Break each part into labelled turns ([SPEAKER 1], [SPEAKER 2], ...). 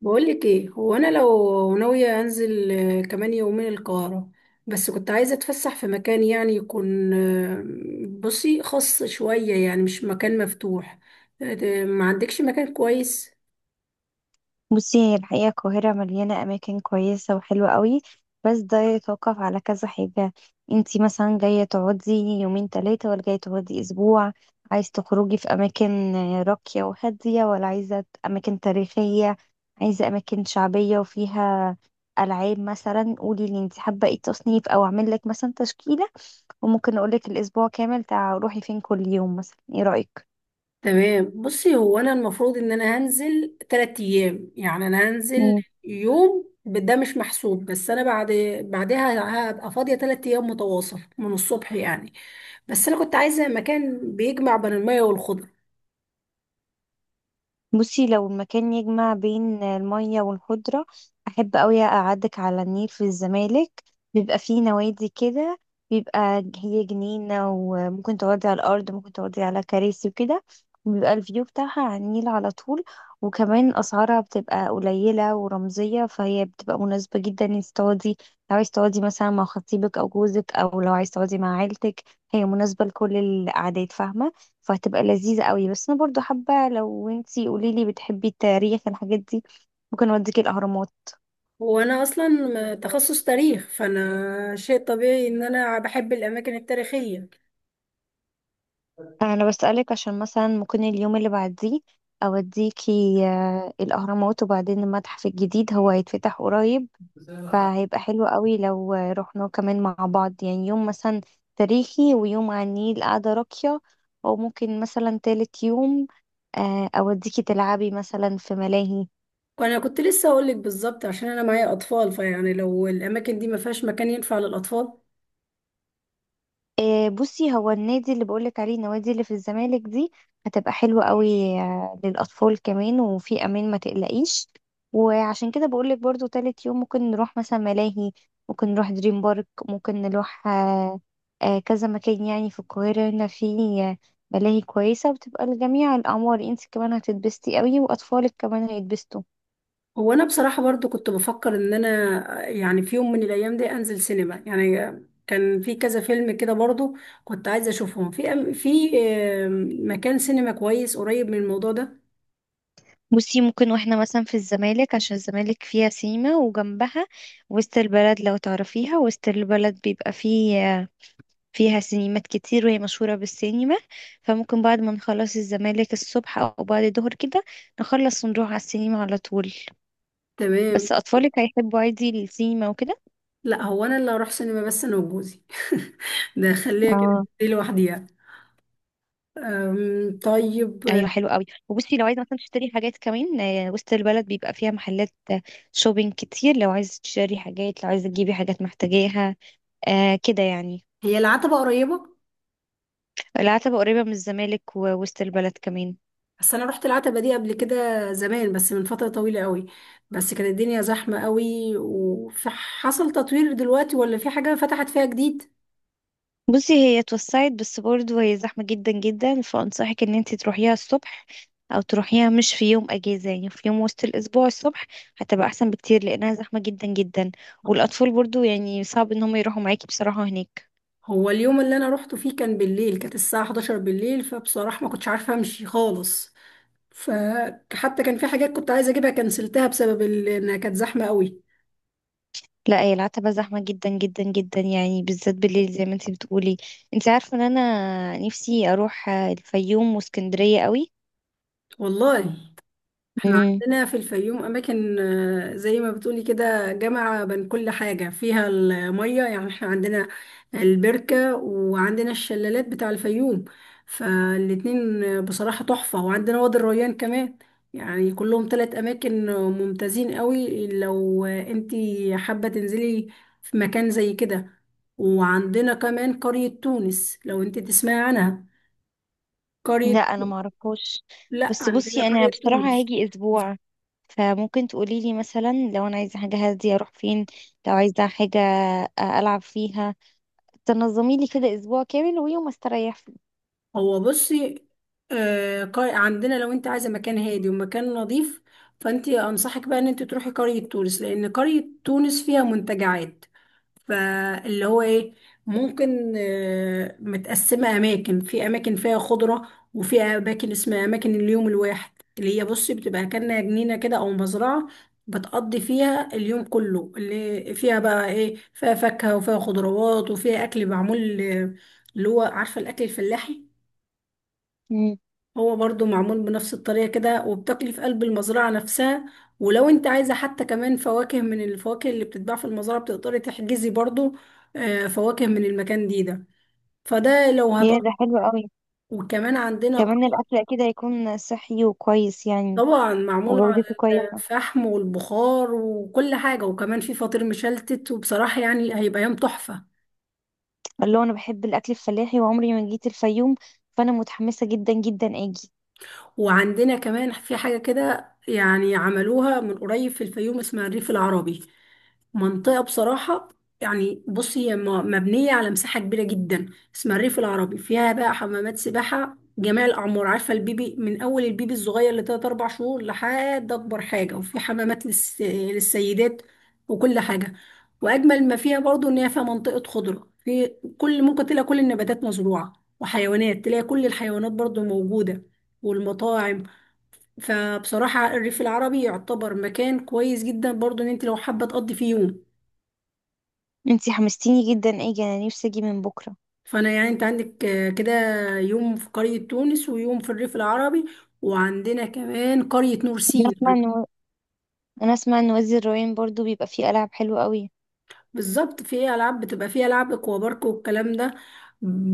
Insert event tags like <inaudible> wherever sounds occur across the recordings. [SPEAKER 1] بقولك ايه؟ هو انا لو ناوية انزل كمان يومين القاهرة، بس كنت عايزة اتفسح في مكان، يعني يكون بصي خاص شوية، يعني مش مكان مفتوح. ما عندكش مكان كويس؟
[SPEAKER 2] بصي، هي الحقيقة القاهرة مليانة أماكن كويسة وحلوة قوي. بس ده يتوقف على كذا حاجة. انتي مثلا جاية تقعدي يومين تلاتة ولا جاية تقعدي أسبوع؟ عايز تخرجي في أماكن راقية وهادية ولا عايزة أماكن تاريخية؟ عايزة أماكن شعبية وفيها ألعاب؟ مثلا قولي لي انتي حابة ايه التصنيف أو أعمل لك مثلا تشكيلة. وممكن أقولك الأسبوع كامل تع روحي فين كل يوم. مثلا ايه رأيك؟
[SPEAKER 1] تمام. بصي هو انا المفروض ان انا هنزل تلات ايام، يعني انا هنزل يوم ده مش محسوب، بس انا بعدها هبقى فاضية تلات ايام متواصل من الصبح، يعني بس انا كنت عايزة مكان بيجمع بين المية والخضرة.
[SPEAKER 2] بصي، لو المكان يجمع بين المية والخضرة، أحب أوي أقعدك على النيل في الزمالك. بيبقى فيه نوادي كده، بيبقى هي جنينة، وممكن تقعدي على الأرض، ممكن تقعدي على كراسي وكده. بيبقى الفيو بتاعها على النيل على طول. وكمان أسعارها بتبقى قليلة ورمزية، فهي بتبقى مناسبة جدا انك تقعدي. لو عايز تقعدي مثلا مع خطيبك أو جوزك، أو لو عايز تقعدي مع عيلتك، هي مناسبة لكل الأعداد، فاهمة؟ فهتبقى لذيذة قوي. بس انا برضو حابة لو انتي قوليلي بتحبي التاريخ الحاجات دي، ممكن اوديكي الاهرامات.
[SPEAKER 1] هو انا اصلا تخصص تاريخ، فانا شيء طبيعي ان انا بحب الاماكن التاريخيه.
[SPEAKER 2] انا بسألك عشان مثلا ممكن اليوم اللي بعديه اوديكي الاهرامات وبعدين المتحف الجديد هو هيتفتح قريب. فهيبقى حلو قوي لو رحنا كمان مع بعض يعني يوم مثلا تاريخي، ويوم على النيل قاعدة راقية. او ممكن مثلا تالت يوم اوديكي تلعبي مثلا في ملاهي.
[SPEAKER 1] وانا كنت لسه اقول لك بالظبط، عشان انا معايا اطفال، فيعني لو الاماكن دي ما فيهاش مكان ينفع للاطفال.
[SPEAKER 2] بصي، هو النادي اللي بقولك عليه، النوادي اللي في الزمالك دي، هتبقى حلوة قوي للأطفال كمان، وفي أمان ما تقلقيش. وعشان كده بقولك برضو تالت يوم ممكن نروح مثلا ملاهي. ممكن نروح دريم بارك، ممكن نروح كذا مكان يعني في القاهرة هنا في آه، ملاهي كويسة وبتبقى لجميع الأعمار. انت كمان هتتبسطي قوي وأطفالك كمان هيتبسطوا.
[SPEAKER 1] هو انا بصراحه برضو كنت بفكر ان انا يعني في يوم من الايام دي انزل سينما، يعني كان في كذا فيلم كده برضو كنت عايزه اشوفهم في أم- في آم، مكان سينما كويس قريب من الموضوع ده.
[SPEAKER 2] بصي، ممكن واحنا مثلا في الزمالك، عشان الزمالك فيها سيما وجنبها وسط البلد، لو تعرفيها وسط البلد بيبقى فيها سينمات كتير وهي مشهورة بالسينما. فممكن بعد ما نخلص الزمالك الصبح أو بعد الظهر كده، نخلص ونروح على السينما على طول.
[SPEAKER 1] تمام.
[SPEAKER 2] بس أطفالك هيحبوا عادي السينما وكده؟
[SPEAKER 1] لا، هو انا اللي هروح سينما بس انا وجوزي. <laughs> ده خليها كده،
[SPEAKER 2] اه،
[SPEAKER 1] دي لوحديها. طيب،
[SPEAKER 2] ايوه، حلو قوي. وبصي، لو عايزه مثلا تشتري حاجات كمان، وسط البلد بيبقى فيها محلات شوبينج كتير. لو عايزه تشتري حاجات، لو عايزه تجيبي حاجات محتاجاها آه كده يعني.
[SPEAKER 1] هي العتبة قريبة؟
[SPEAKER 2] العتبة قريبة من الزمالك ووسط البلد كمان.
[SPEAKER 1] بس أنا رحت العتبة دي قبل كده زمان، بس من فترة طويلة قوي. بس كانت الدنيا زحمة قوي، وحصل تطوير دلوقتي، ولا في حاجة فتحت فيها جديد؟
[SPEAKER 2] بصي، هي اتوسعت بس برضه هي زحمة جدا، فأنصحك إن انتي تروحيها الصبح، أو تروحيها مش في يوم أجازة، يعني في يوم وسط الأسبوع الصبح. هتبقى أحسن بكتير لأنها زحمة جدا. والأطفال برضه يعني صعب إن هم يروحوا معاكي بصراحة هناك.
[SPEAKER 1] هو اليوم اللي أنا روحته فيه كان بالليل، كانت الساعة 11 بالليل، فبصراحة ما كنتش عارفة أمشي خالص، فحتى كان في حاجات كنت عايزة أجيبها كنسلتها بسبب إنها كانت زحمة قوي.
[SPEAKER 2] لا، هي العتبة زحمة جدا جدا جدا يعني، بالذات بالليل زي ما انتي بتقولي. انتي عارفة إن أنا نفسي أروح الفيوم واسكندرية
[SPEAKER 1] والله احنا
[SPEAKER 2] قوي.
[SPEAKER 1] عندنا في الفيوم اماكن، زي ما بتقولي كده، جامعة بين كل حاجة فيها المية، يعني احنا عندنا البركة، وعندنا الشلالات بتاع الفيوم، فالاتنين بصراحة تحفة، وعندنا وادي الريان كمان. يعني كلهم تلات اماكن ممتازين قوي، لو انتي حابة تنزلي في مكان زي كده. وعندنا كمان قرية تونس، لو انتي تسمعي عنها،
[SPEAKER 2] لا،
[SPEAKER 1] قرية.
[SPEAKER 2] انا معرفهاش.
[SPEAKER 1] لا
[SPEAKER 2] بس
[SPEAKER 1] عندنا
[SPEAKER 2] بصي، انا
[SPEAKER 1] قرية
[SPEAKER 2] بصراحة
[SPEAKER 1] تونس.
[SPEAKER 2] هاجي اسبوع، فممكن تقولي لي مثلا لو انا عايزة حاجة هادية اروح فين، لو عايزة حاجة العب فيها. تنظمي لي كده اسبوع كامل ويوم استريح فيه.
[SPEAKER 1] هو بصي، عندنا لو انت عايزه مكان هادي ومكان نظيف، فانت انصحك بقى ان انت تروحي قريه تونس، لان قريه تونس فيها منتجعات، فاللي هو ايه، ممكن متقسمه اماكن، في اماكن فيها خضره، وفي اماكن اسمها اماكن اليوم الواحد، اللي هي بصي بتبقى كأنها جنينه كده، او مزرعه بتقضي فيها اليوم كله، اللي فيها بقى ايه، فيها فاكهه وفيها خضروات وفيها اكل معمول، اللي هو عارفه الاكل الفلاحي.
[SPEAKER 2] امم.
[SPEAKER 1] هو برضو معمول بنفس الطريقة كده، وبتاكلي في قلب المزرعة نفسها. ولو انت عايزة حتى كمان فواكه من الفواكه اللي بتتباع في المزرعة، بتقدري تحجزي برضو فواكه من المكان دي ده. فده لو
[SPEAKER 2] يا ده
[SPEAKER 1] هتقضي.
[SPEAKER 2] حلو قوي.
[SPEAKER 1] وكمان عندنا
[SPEAKER 2] كمان
[SPEAKER 1] قري.
[SPEAKER 2] الاكل اكيد هيكون صحي وكويس يعني،
[SPEAKER 1] طبعا معمول على
[SPEAKER 2] وجودته كويسة.
[SPEAKER 1] الفحم والبخار وكل حاجة، وكمان في فطير مشلتت، وبصراحة يعني هيبقى يوم تحفة.
[SPEAKER 2] الله، انا بحب الاكل الفلاحي وعمري ما جيت الفيوم، فانا متحمسة جدا جدا اجي.
[SPEAKER 1] وعندنا كمان في حاجة كده، يعني عملوها من قريب في الفيوم، اسمها الريف العربي، منطقة بصراحة، يعني بصي هي مبنية على مساحة كبيرة جدا، اسمها الريف العربي، فيها بقى حمامات سباحة جميع الأعمار، عارفة البيبي من أول البيبي الصغير لتلات أربع شهور لحد أكبر حاجة، وفي حمامات للسيدات وكل حاجة. وأجمل ما فيها برضو إن هي فيها منطقة خضرة، في كل ممكن تلاقي كل النباتات مزروعة، وحيوانات، تلاقي كل الحيوانات برضو موجودة، والمطاعم. فبصراحة الريف العربي يعتبر مكان كويس جدا برضو ان انت لو حابة تقضي فيه يوم.
[SPEAKER 2] انتي حمستيني جدا اجي، انا نفسي اجي من بكرة.
[SPEAKER 1] فانا يعني انت عندك كده يوم في قرية تونس، ويوم في الريف العربي، وعندنا كمان قرية نورسين.
[SPEAKER 2] نسمع. انا اسمع ان وادي الريان برضو بيبقى فيه العاب حلوه قوي.
[SPEAKER 1] بالظبط في ايه العاب، بتبقى فيها العاب اكوا بارك والكلام ده.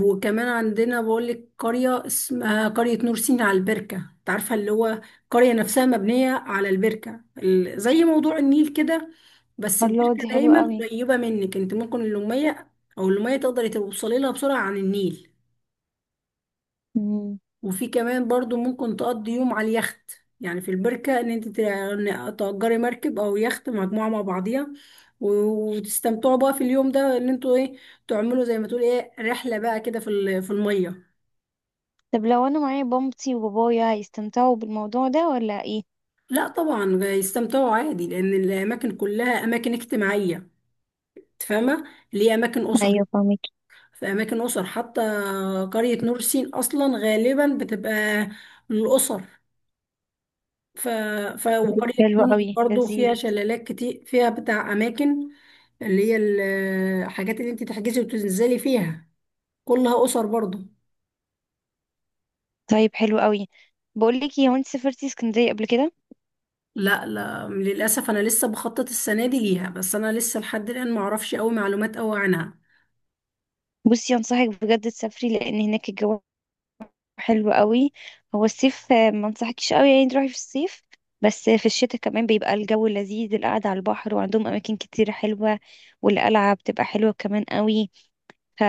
[SPEAKER 1] وكمان عندنا بقولك قريه اسمها قريه نور سينا على البركه، انت عارفه اللي هو قريه نفسها مبنيه على البركه، زي موضوع النيل كده، بس
[SPEAKER 2] الله،
[SPEAKER 1] البركه
[SPEAKER 2] دي حلوة
[SPEAKER 1] دايما
[SPEAKER 2] قوي.
[SPEAKER 1] قريبه منك، انت ممكن اللوميه او اللوميه تقدري توصلي لها بسرعه عن النيل.
[SPEAKER 2] مم.
[SPEAKER 1] وفي كمان برضو ممكن تقضي يوم على اليخت، يعني في البركة، ان انت تأجري مركب او يخت مجموعة مع بعضيها وتستمتعوا بقى في اليوم ده، ان انتوا ايه، تعملوا زي ما تقول ايه، رحلة بقى كده في في المية.
[SPEAKER 2] طب لو انا معايا بمتي وبابايا هيستمتعوا بالموضوع ده ولا ايه؟
[SPEAKER 1] لا طبعا يستمتعوا عادي، لان الاماكن كلها اماكن اجتماعية، تفهمة، ليه اماكن اسر،
[SPEAKER 2] ايوه، فاهمك.
[SPEAKER 1] في اماكن اسر حتى، قرية نور سين اصلا غالبا بتبقى للاسر. ف... وقرية
[SPEAKER 2] حلو
[SPEAKER 1] تونس
[SPEAKER 2] قوي،
[SPEAKER 1] برضو
[SPEAKER 2] لذيذ.
[SPEAKER 1] فيها شلالات كتير، فيها بتاع أماكن، اللي هي الحاجات اللي انت تحجزي وتنزلي فيها كلها أسر برضو.
[SPEAKER 2] طيب حلو قوي. بقول لك ايه، هو انت سافرتي اسكندريه قبل كده؟
[SPEAKER 1] لا لا، للأسف أنا لسه بخطط السنة دي ليها، بس أنا لسه لحد الآن معرفش أوي معلومات أوي عنها.
[SPEAKER 2] بصي، انصحك بجد تسافري لان هناك الجو حلو قوي. هو الصيف ما انصحكيش قوي يعني تروحي في الصيف، بس في الشتاء كمان بيبقى الجو لذيذ، القعده على البحر، وعندهم اماكن كتير حلوه، والقلعه بتبقى حلوه كمان قوي.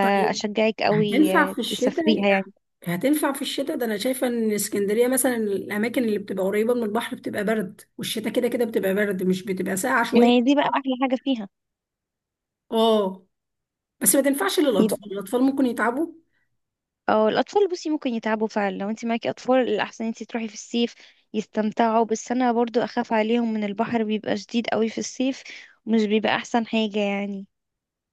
[SPEAKER 1] طيب
[SPEAKER 2] قوي
[SPEAKER 1] هتنفع في الشتاء؟
[SPEAKER 2] تسافريها يعني.
[SPEAKER 1] هتنفع في الشتاء ده؟ أنا شايفة إن اسكندرية مثلا الأماكن اللي بتبقى قريبة من البحر بتبقى برد، والشتاء كده كده بتبقى برد، مش بتبقى ساقعة
[SPEAKER 2] ما
[SPEAKER 1] شوية.
[SPEAKER 2] هي دي بقى احلى حاجه فيها.
[SPEAKER 1] اه، بس ما تنفعش للأطفال،
[SPEAKER 2] يبقى،
[SPEAKER 1] الأطفال ممكن يتعبوا.
[SPEAKER 2] اه، الأطفال بصي ممكن يتعبوا فعلا. لو انت معاكي أطفال، الأحسن انت تروحي في الصيف يستمتعوا. بس أنا برضو أخاف عليهم من البحر بيبقى شديد قوي في الصيف، ومش بيبقى أحسن حاجة يعني.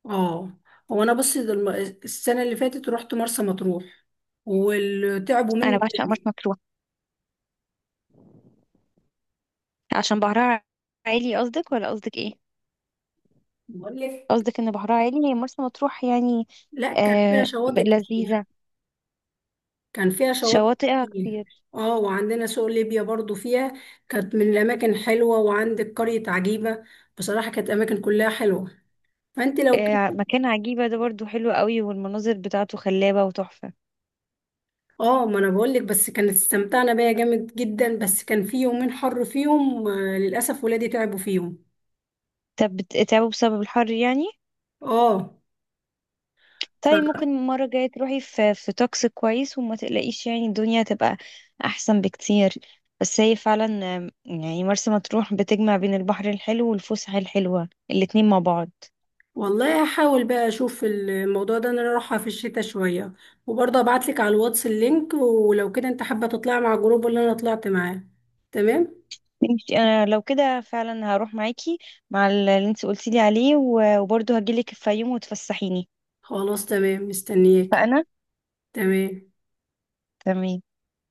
[SPEAKER 1] اه، هو انا بصي ده السنه اللي فاتت رحت مرسى مطروح وتعبوا
[SPEAKER 2] أنا
[SPEAKER 1] مني
[SPEAKER 2] بعشق مرسى
[SPEAKER 1] جدا.
[SPEAKER 2] مطروح عشان بحرها عالي. قصدك ولا قصدك ايه؟
[SPEAKER 1] بقول لك،
[SPEAKER 2] قصدك ان بحرها عالي هي مرسى مطروح يعني؟
[SPEAKER 1] لا كان فيها
[SPEAKER 2] آه،
[SPEAKER 1] شواطئ كتير،
[SPEAKER 2] لذيذة،
[SPEAKER 1] كان فيها شواطئ
[SPEAKER 2] شواطئها
[SPEAKER 1] كتير.
[SPEAKER 2] كتير.
[SPEAKER 1] اه، وعندنا سوق ليبيا برضو فيها، كانت من الاماكن حلوه، وعندك قريه عجيبه، بصراحه كانت اماكن كلها حلوه، فانت لو
[SPEAKER 2] آه،
[SPEAKER 1] كده.
[SPEAKER 2] مكان عجيبة ده برضو حلو قوي، والمناظر بتاعته خلابة وتحفة.
[SPEAKER 1] اه ما انا بقول لك، بس كانت استمتعنا بيها جامد جدا، بس كان في يومين حر فيهم، للاسف ولادي تعبوا فيهم.
[SPEAKER 2] طب بتتعبوا بسبب الحر يعني؟
[SPEAKER 1] اه.
[SPEAKER 2] طيب ممكن المرة الجاية تروحي في توكس كويس وما تقلقيش، يعني الدنيا هتبقى أحسن بكتير. بس هي فعلا يعني مرسى مطروح بتجمع بين البحر الحلو والفسحة الحلوة الاتنين مع بعض.
[SPEAKER 1] والله هحاول بقى اشوف الموضوع ده، إن انا رايحه في الشتاء شويه، وبرضه ابعت لك على الواتس اللينك، ولو كده انت حابه تطلعي مع الجروب اللي انا طلعت معاه. تمام.
[SPEAKER 2] ماشي، أنا لو كده فعلا هروح معاكي مع اللي انت قلتيلي عليه، و- وبرضه هجيلك في يوم وتفسحيني.
[SPEAKER 1] خلاص تمام، مستنياكي.
[SPEAKER 2] فأنا
[SPEAKER 1] تمام.
[SPEAKER 2] تمام